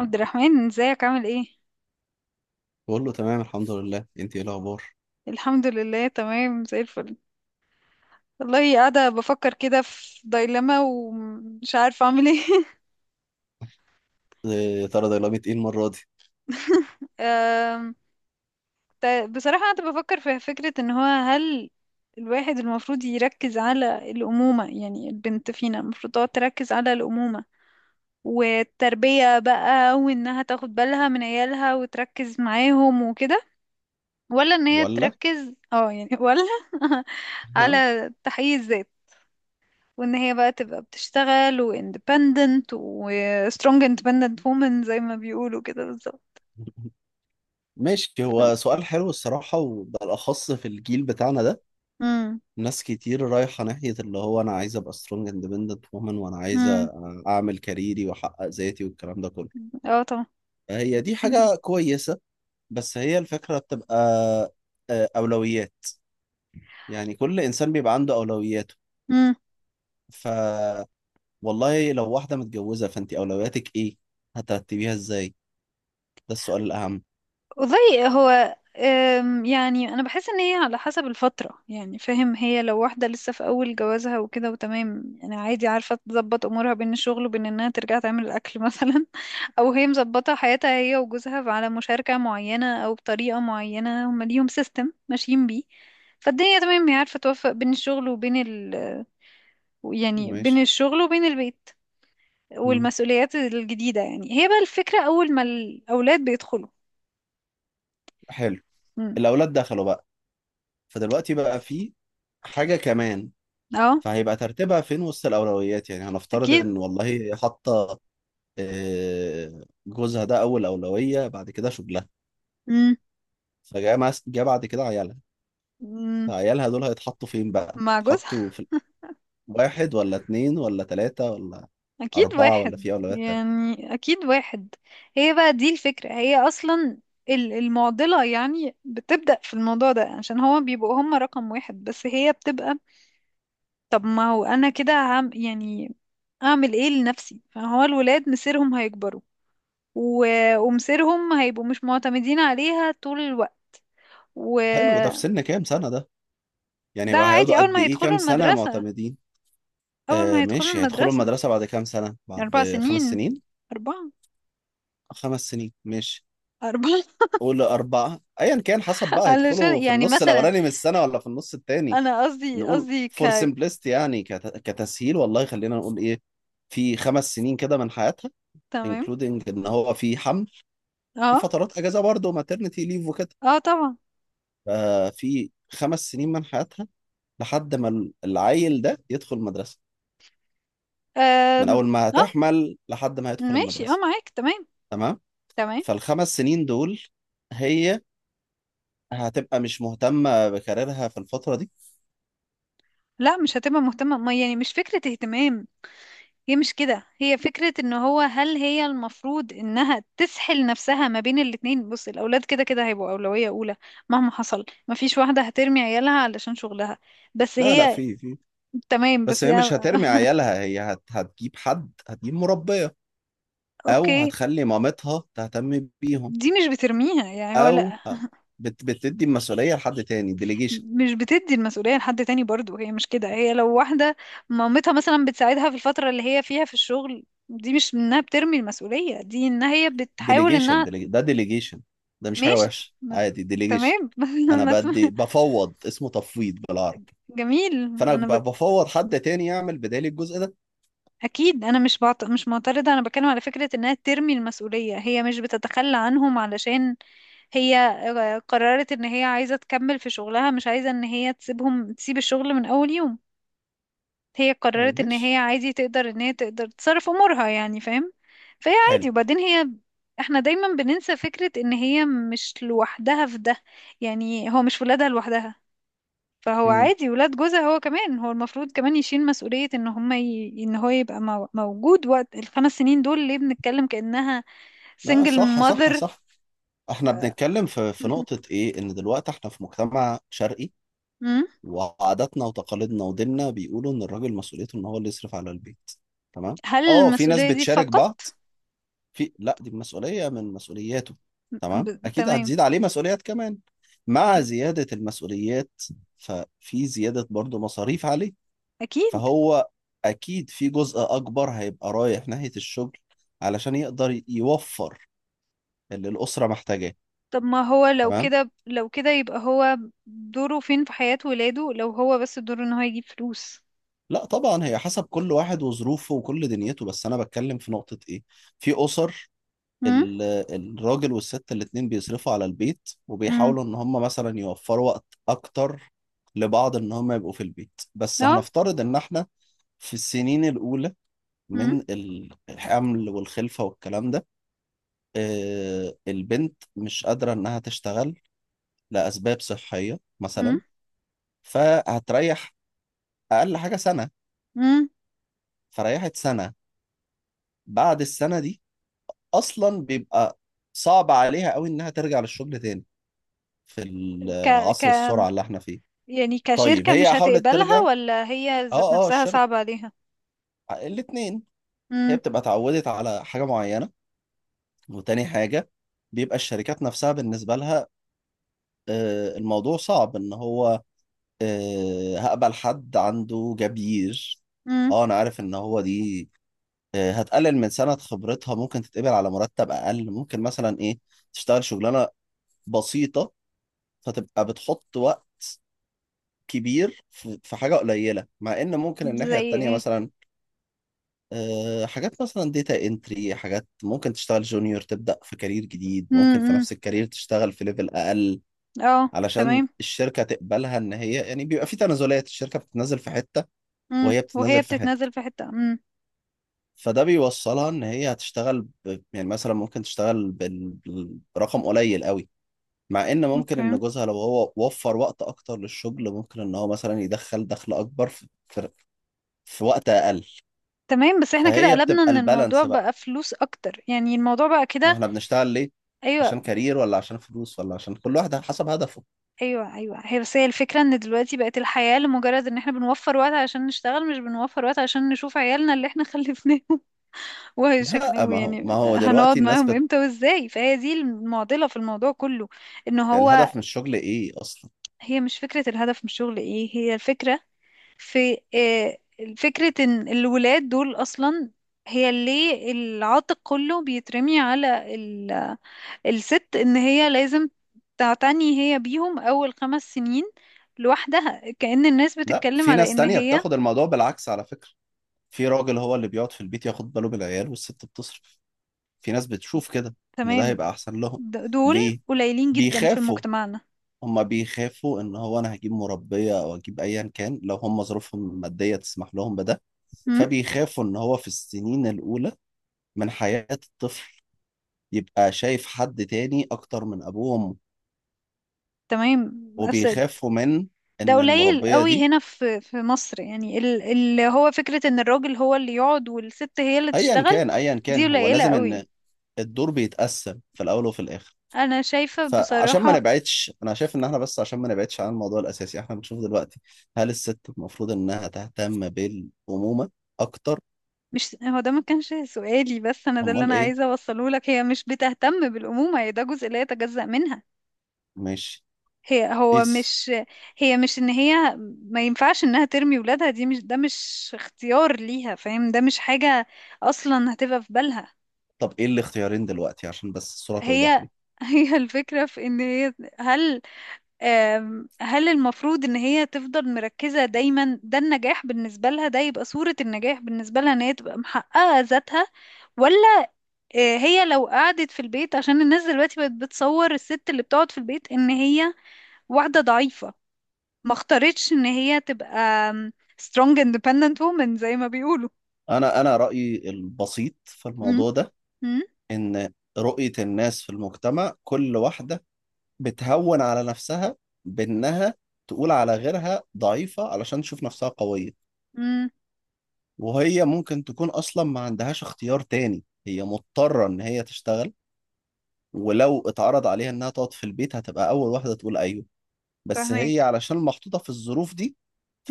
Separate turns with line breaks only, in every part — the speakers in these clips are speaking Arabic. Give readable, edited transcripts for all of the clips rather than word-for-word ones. عبد الرحمن، ازيك؟ عامل ايه؟
بقول له تمام الحمد لله، انت ايه الاخبار؟
الحمد لله، تمام زي الفل. والله، قاعدة بفكر كده في دايلما ومش عارفة اعمل ايه.
إيه يا ترى ده؟ لعبة ايه المرة دي؟
أم، بصراحة، قاعدة بفكر في فكرة ان هو، هل الواحد المفروض يركز على الأمومة؟ يعني البنت فينا المفروض تقعد تركز على الأمومة والتربية بقى، وانها تاخد بالها من عيالها وتركز معاهم وكده. ولا ان هي
بقول لك.
تركز، ولا،
ها.
على تحقيق الذات؟ وان هي بقى تبقى بتشتغل و independent و strong independent woman زي ما بيقولوا كده بالظبط.
ماشي،
ف-
هو سؤال حلو الصراحة وبالأخص في الجيل بتاعنا ده.
مم.
ناس كتير رايحة ناحية اللي هو أنا عايز أبقى سترونج اندبندنت وومن، وأنا
مم.
عايزة أعمل كاريري وأحقق ذاتي والكلام ده كله.
اه طبعا.
هي دي حاجة كويسة، بس هي الفكرة بتبقى أولويات. يعني كل إنسان بيبقى عنده أولوياته.
مم.
ف والله لو واحدة متجوزة فأنت أولوياتك إيه؟ هترتبيها إزاي؟ ده السؤال الأهم.
والله، هو يعني انا بحس ان هي على حسب الفتره، يعني فاهم، هي لو واحده لسه في اول جوازها وكده وتمام، يعني عادي، عارفه تظبط امورها بين الشغل وبين انها ترجع تعمل الاكل مثلا. او هي مظبطه حياتها هي وجوزها على مشاركه معينه او بطريقه معينه، هم ليهم سيستم ماشيين بيه، فالدنيا تمام. هي عارفه توفق بين الشغل وبين يعني بين
ماشي.
الشغل وبين البيت
مم.
والمسؤوليات الجديده. يعني هي بقى الفكره اول ما الاولاد بيدخلوا.
حلو.
مم.
الأولاد دخلوا بقى، فدلوقتي بقى في حاجة كمان،
اه.
فهيبقى ترتيبها فين وسط الأولويات؟ يعني هنفترض
اكيد.
إن والله حاطة جوزها ده أول أولوية، بعد كده شغلها،
مم.
جه بعد كده عيالها.
مم.
فعيالها دول هيتحطوا فين بقى؟
مع جوزها.
يتحطوا في واحد ولا اتنين ولا تلاتة ولا
اكيد
أربعة، ولا
واحد،
في أولويات تانية؟
يعني اكيد واحد. هي بقى دي الفكرة، هي اصلا المعضلة يعني بتبدأ في الموضوع ده، عشان هو بيبقوا هم رقم واحد، بس هي بتبقى، طب ما هو انا كده عم يعني اعمل ايه لنفسي؟ فهو الولاد مصيرهم هيكبروا، و... ومصيرهم هيبقوا مش معتمدين عليها طول الوقت.
حلو، ده في
وده
سن كام سنة ده؟ يعني بقى
عادي.
هيقعدوا
أول
قد
ما
إيه
يدخلوا
كام سنة
المدرسة،
معتمدين؟
أول
آه
ما يدخلوا
ماشي، هيدخلوا
المدرسة.
المدرسة بعد كام سنة؟
أربع
بعد خمس
سنين
سنين؟
أربعة.
خمس سنين ماشي،
أربعة.
قول أربعة، أيا كان، حسب بقى هيدخلوا
علشان
في
يعني
النص
مثلا
الأولاني من السنة ولا في النص التاني.
انا قصدي
نقول
قصدي
فور simplicity، يعني كتسهيل، والله خلينا نقول إيه، في خمس سنين كده من حياتها،
تمام.
including إن هو في حمل، في
اه.
فترات أجازة برضه maternity leave وكده.
اه طبعا.
ففي خمس سنين من حياتها لحد ما العيل ده يدخل المدرسة، من
آم،
أول ما
اه
هتحمل لحد ما هيدخل
ماشي. اه،
المدرسة.
معاك. تمام.
تمام؟
تمام.
فالخمس سنين دول هي هتبقى مش مهتمة بكاريرها في الفترة دي.
لا، مش هتبقى مهتمة، ما يعني مش فكرة اهتمام، هي مش كده. هي فكرة ان هو، هل هي المفروض انها تسحل نفسها ما بين الاتنين؟ بص، الاولاد كده كده هيبقوا اولوية اولى مهما حصل. ما فيش واحدة هترمي عيالها علشان شغلها، بس
لا، لا،
هي
في.
تمام.
بس
بس
هي
هي
مش هترمي عيالها، هي هتجيب حد، هتجيب مربية، أو
اوكي.
هتخلي مامتها تهتم بيهم،
دي مش بترميها، يعني هو
أو
لا،
بتدي المسؤولية لحد تاني. ديليجيشن
مش بتدي المسؤولية لحد تاني برضو. هي مش كده. هي لو واحدة مامتها مثلا بتساعدها في الفترة اللي هي فيها في الشغل، دي مش انها بترمي المسؤولية، دي انها هي بتحاول
ديليجيشن
انها
ده ديليجيشن، ده مش حاجة
ماشي.
وحشة،
ما...
عادي ديليجيشن.
تمام.
أنا
بس
بدي بفوض، اسمه تفويض بالعربي.
جميل.
فأنا
انا ب...
بفوض حد تاني يعمل بدالي الجزء ده.
اكيد انا مش معترضة. انا بتكلم على فكرة انها ترمي المسؤولية، هي مش بتتخلى عنهم، علشان هي قررت ان هي عايزة تكمل في شغلها، مش عايزة ان هي تسيبهم، تسيب الشغل من اول يوم. هي
آه،
قررت ان
ماشي.
هي عادي، تقدر ان هي تقدر تصرف امورها، يعني فاهم؟ فهي
حلو.
عادي. وبعدين احنا دايما بننسى فكرة ان هي مش لوحدها في ده. يعني هو مش ولادها لوحدها، فهو عادي، ولاد جوزها. هو كمان هو المفروض كمان يشيل مسؤولية ان هما ان هو يبقى موجود وقت الخمس سنين دول. ليه بنتكلم كأنها
لا،
single
صح صح
mother؟
صح. احنا بنتكلم في نقطة ايه، ان دلوقتي احنا في مجتمع شرقي،
مم.
وعاداتنا وتقاليدنا وديننا بيقولوا ان الراجل مسؤوليته ان هو اللي يصرف على البيت. تمام.
هل
اه في ناس
المسؤولية دي
بتشارك
فقط؟
بعض، لا، دي مسؤولية من مسؤولياته. تمام، اكيد
تمام.
هتزيد عليه مسؤوليات كمان، مع زيادة المسؤوليات ففي زيادة برضو مصاريف عليه.
اكيد.
فهو اكيد في جزء اكبر هيبقى رايح ناحية الشغل، علشان يقدر يوفر اللي الأسرة محتاجاه.
طب ما هو لو
تمام.
كده، لو كده يبقى هو دوره فين في حياة ولاده لو هو بس دوره ان هو يجيب فلوس؟
لا طبعا، هي حسب كل واحد وظروفه وكل دنيته، بس انا بتكلم في نقطة ايه، في اسر
امم.
ال- الراجل والست الاتنين بيصرفوا على البيت،
امم.
وبيحاولوا ان هم مثلا يوفروا وقت اكتر لبعض، ان هم يبقوا في البيت. بس
اه.
هنفترض ان احنا في السنين الاولى
امم.
من الحمل والخلفة والكلام ده، البنت مش قادرة انها تشتغل لاسباب صحية
امم.
مثلا، فهتريح اقل حاجة سنة.
امم.
فريحت سنة، بعد السنة دي اصلا بيبقى صعب عليها قوي انها ترجع للشغل تاني، في
ك ك
عصر السرعه اللي احنا فيه.
يعني
طيب
كشركة مش
هي حاولت ترجع.
هتقبلها ولا هي ذات
اه اه،
نفسها
الشركه،
صعبة عليها؟
الاثنين. هي
امم.
بتبقى اتعودت على حاجه معينه، وتاني حاجه بيبقى الشركات نفسها بالنسبه لها الموضوع صعب، ان هو هقبل حد عنده جبير؟
امم.
اه انا عارف ان هو دي هتقلل من سنه خبرتها، ممكن تتقبل على مرتب اقل، ممكن مثلا ايه، تشتغل شغلانه بسيطه، فتبقى بتحط وقت كبير في في حاجة قليلة، مع إن ممكن الناحية
زي
التانية
ايه؟
مثلا حاجات مثلا ديتا انتري، حاجات ممكن تشتغل جونيور، تبدأ في كارير جديد،
امم.
ممكن في
امم.
نفس الكارير تشتغل في ليفل أقل،
اه،
علشان
تمام.
الشركة تقبلها. إن هي يعني بيبقى في تنازلات، الشركة بتتنازل في حتة،
امم،
وهي
وهي
بتتنازل في حتة،
بتتنازل في حتة. امم.
فده بيوصلها إن هي هتشتغل يعني مثلا ممكن تشتغل برقم قليل قوي، مع ان ممكن
اوكي.
ان جوزها لو هو وفر وقت اكتر للشغل، ممكن ان هو مثلا يدخل دخل اكبر في وقت اقل.
تمام، بس احنا كده
فهي
قلبنا
بتبقى
ان الموضوع
البالانس بقى،
بقى فلوس اكتر، يعني الموضوع بقى
ما
كده.
احنا بنشتغل ليه؟
ايوه.
عشان كارير، ولا عشان فلوس، ولا عشان كل واحد على حسب هدفه.
ايوه. ايوه، هي، بس هي الفكره ان دلوقتي بقت الحياه لمجرد ان احنا بنوفر وقت عشان نشتغل، مش بنوفر وقت عشان نشوف عيالنا اللي احنا خلفناهم. وشكل
لا ما هو ما
يعني
هو
هنقعد
دلوقتي الناس
معاهم امتى وازاي؟ فهي دي المعضله في الموضوع كله. ان هو
الهدف من الشغل ايه اصلا؟
هي مش فكره الهدف من الشغل ايه، هي الفكره في فكرة ان الولاد دول اصلا، هي ليه العاتق كله بيترمي على الست، ان هي لازم تعتني هي بيهم اول 5 سنين لوحدها؟ كأن الناس
لا
بتتكلم
في
على
ناس
ان
تانية
هي
بتاخد الموضوع بالعكس على فكرة، في راجل هو اللي بيقعد في البيت ياخد باله بالعيال، والست بتصرف. في ناس بتشوف كده ان
تمام.
ده هيبقى احسن لهم.
دول
ليه؟
قليلين جدا في
بيخافوا،
مجتمعنا.
هما بيخافوا ان هو انا هجيب مربية او اجيب ايا كان، لو هما ظروفهم المادية تسمح لهم بده.
مم؟
فبيخافوا ان هو في السنين الاولى من حياة الطفل يبقى شايف حد تاني اكتر من ابوه وامه،
تمام. بس
وبيخافوا من
ده
ان
قليل
المربية
قوي
دي،
هنا في مصر. يعني اللي هو فكرة ان الراجل هو اللي يقعد والست هي اللي
ايا
تشتغل،
كان، ايا
دي
كان هو
قليلة
لازم
قوي.
ان الدور بيتقسم، في الاول وفي الاخر.
انا شايفة
فعشان ما
بصراحة،
نبعدش، انا شايف ان احنا بس عشان ما نبعدش عن الموضوع الاساسي، احنا بنشوف دلوقتي هل الست المفروض انها تهتم بالامومة اكتر؟
مش هو ده، ما كانش سؤالي. بس انا ده اللي
امال
انا
ايه.
عايزة اوصله لك، هي مش بتهتم بالأمومة، هي ده جزء لا يتجزأ منها.
ماشي،
هي هو
قيس.
مش هي مش ان هي ما ينفعش انها ترمي ولادها. دي مش ده مش اختيار ليها، فاهم؟ ده مش حاجة اصلا هتبقى في بالها.
طب ايه الاختيارين دلوقتي، عشان بس الصورة توضح
هي
لي؟
هي الفكرة في ان هي، هل هل المفروض ان هي تفضل مركزة دايما؟ ده النجاح بالنسبة لها، ده يبقى صورة النجاح بالنسبة لها، ان هي تبقى محققة ذاتها؟ ولا هي لو قعدت في البيت، عشان الناس دلوقتي بقت بتصور الست اللي بتقعد في البيت ان هي واحدة ضعيفة، ما اختارتش ان هي تبقى آم، strong independent woman زي ما بيقولوا.
انا رأيي البسيط في
امم.
الموضوع ده،
امم.
ان رؤية الناس في المجتمع، كل واحدة بتهون على نفسها بانها تقول على غيرها ضعيفة علشان تشوف نفسها قوية.
امم.
وهي ممكن تكون اصلا ما عندهاش اختيار تاني، هي مضطرة ان هي تشتغل، ولو اتعرض عليها انها تقعد في البيت هتبقى اول واحدة تقول ايوه. بس هي
فاهمك.
علشان محطوطة في الظروف دي،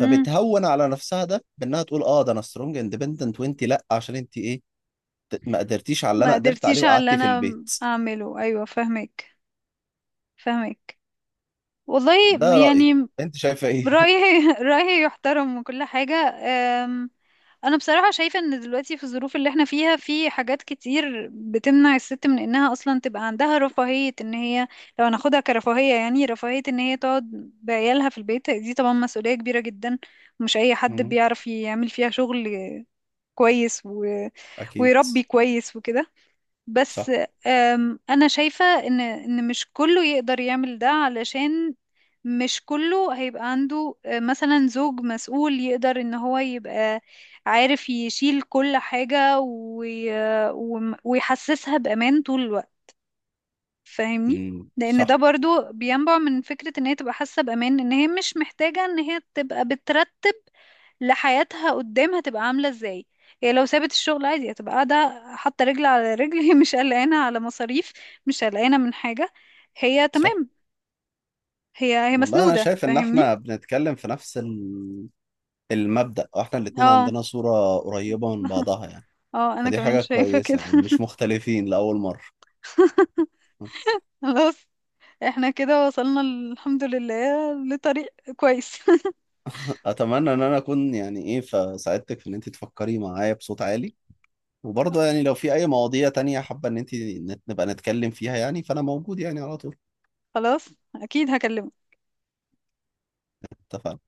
امم.
على نفسها ده بانها تقول اه ده انا سترونج اندبندنت، وانت لا، عشان انت ايه، ما قدرتيش على اللي
ما
انا قدرت عليه،
قدرتيش على اللي
وقعدتي في
انا
البيت.
اعمله، ايوه، فاهمك. فاهمك، والله.
ده رأيي،
يعني
انت شايفة ايه؟
رأيي رأيي يحترم وكل حاجة. انا بصراحة شايفة ان دلوقتي في الظروف اللي احنا فيها في حاجات كتير بتمنع الست من انها اصلا تبقى عندها رفاهية ان هي، لو هناخدها كرفاهية، يعني رفاهية ان هي تقعد بعيالها في البيت. دي طبعا مسؤولية كبيرة جدا، ومش اي حد
مم.
بيعرف يعمل فيها شغل كويس
اكيد.
ويربي كويس وكده. بس
صح.
انا شايفة ان مش كله يقدر يعمل ده، علشان مش كله هيبقى عنده مثلا زوج مسؤول يقدر ان هو يبقى عارف يشيل كل حاجة ويحسسها بأمان طول الوقت، فاهمني؟
مم.
لان ده
صح،
برضو بينبع من فكرة ان هي تبقى حاسة بأمان، ان هي مش محتاجة ان هي تبقى بترتب لحياتها قدام هتبقى عاملة ازاي. هي لو سابت الشغل عادي، هتبقى قاعدة حاطة رجل على رجل. هي مش قلقانة على مصاريف، مش قلقانة من حاجة، هي
صح.
تمام. هي
والله انا
مسنودة،
شايف ان
فاهمني؟
احنا بنتكلم في نفس المبدأ، واحنا الاتنين
اه.
عندنا صورة قريبة من بعضها يعني.
اه، انا
فدي
كمان
حاجة
شايفة كده.
كويسة يعني، مش مختلفين لأول مرة.
خلاص، احنا كده وصلنا الحمد لله لطريق كويس.
اتمنى ان انا اكون يعني ايه فساعدتك في ان انت تفكري معايا بصوت عالي، وبرضه يعني لو في اي مواضيع تانية حابة ان انت نبقى نتكلم فيها، يعني فانا موجود يعني على طول.
خلاص، اكيد هكلمك.
اتفقنا.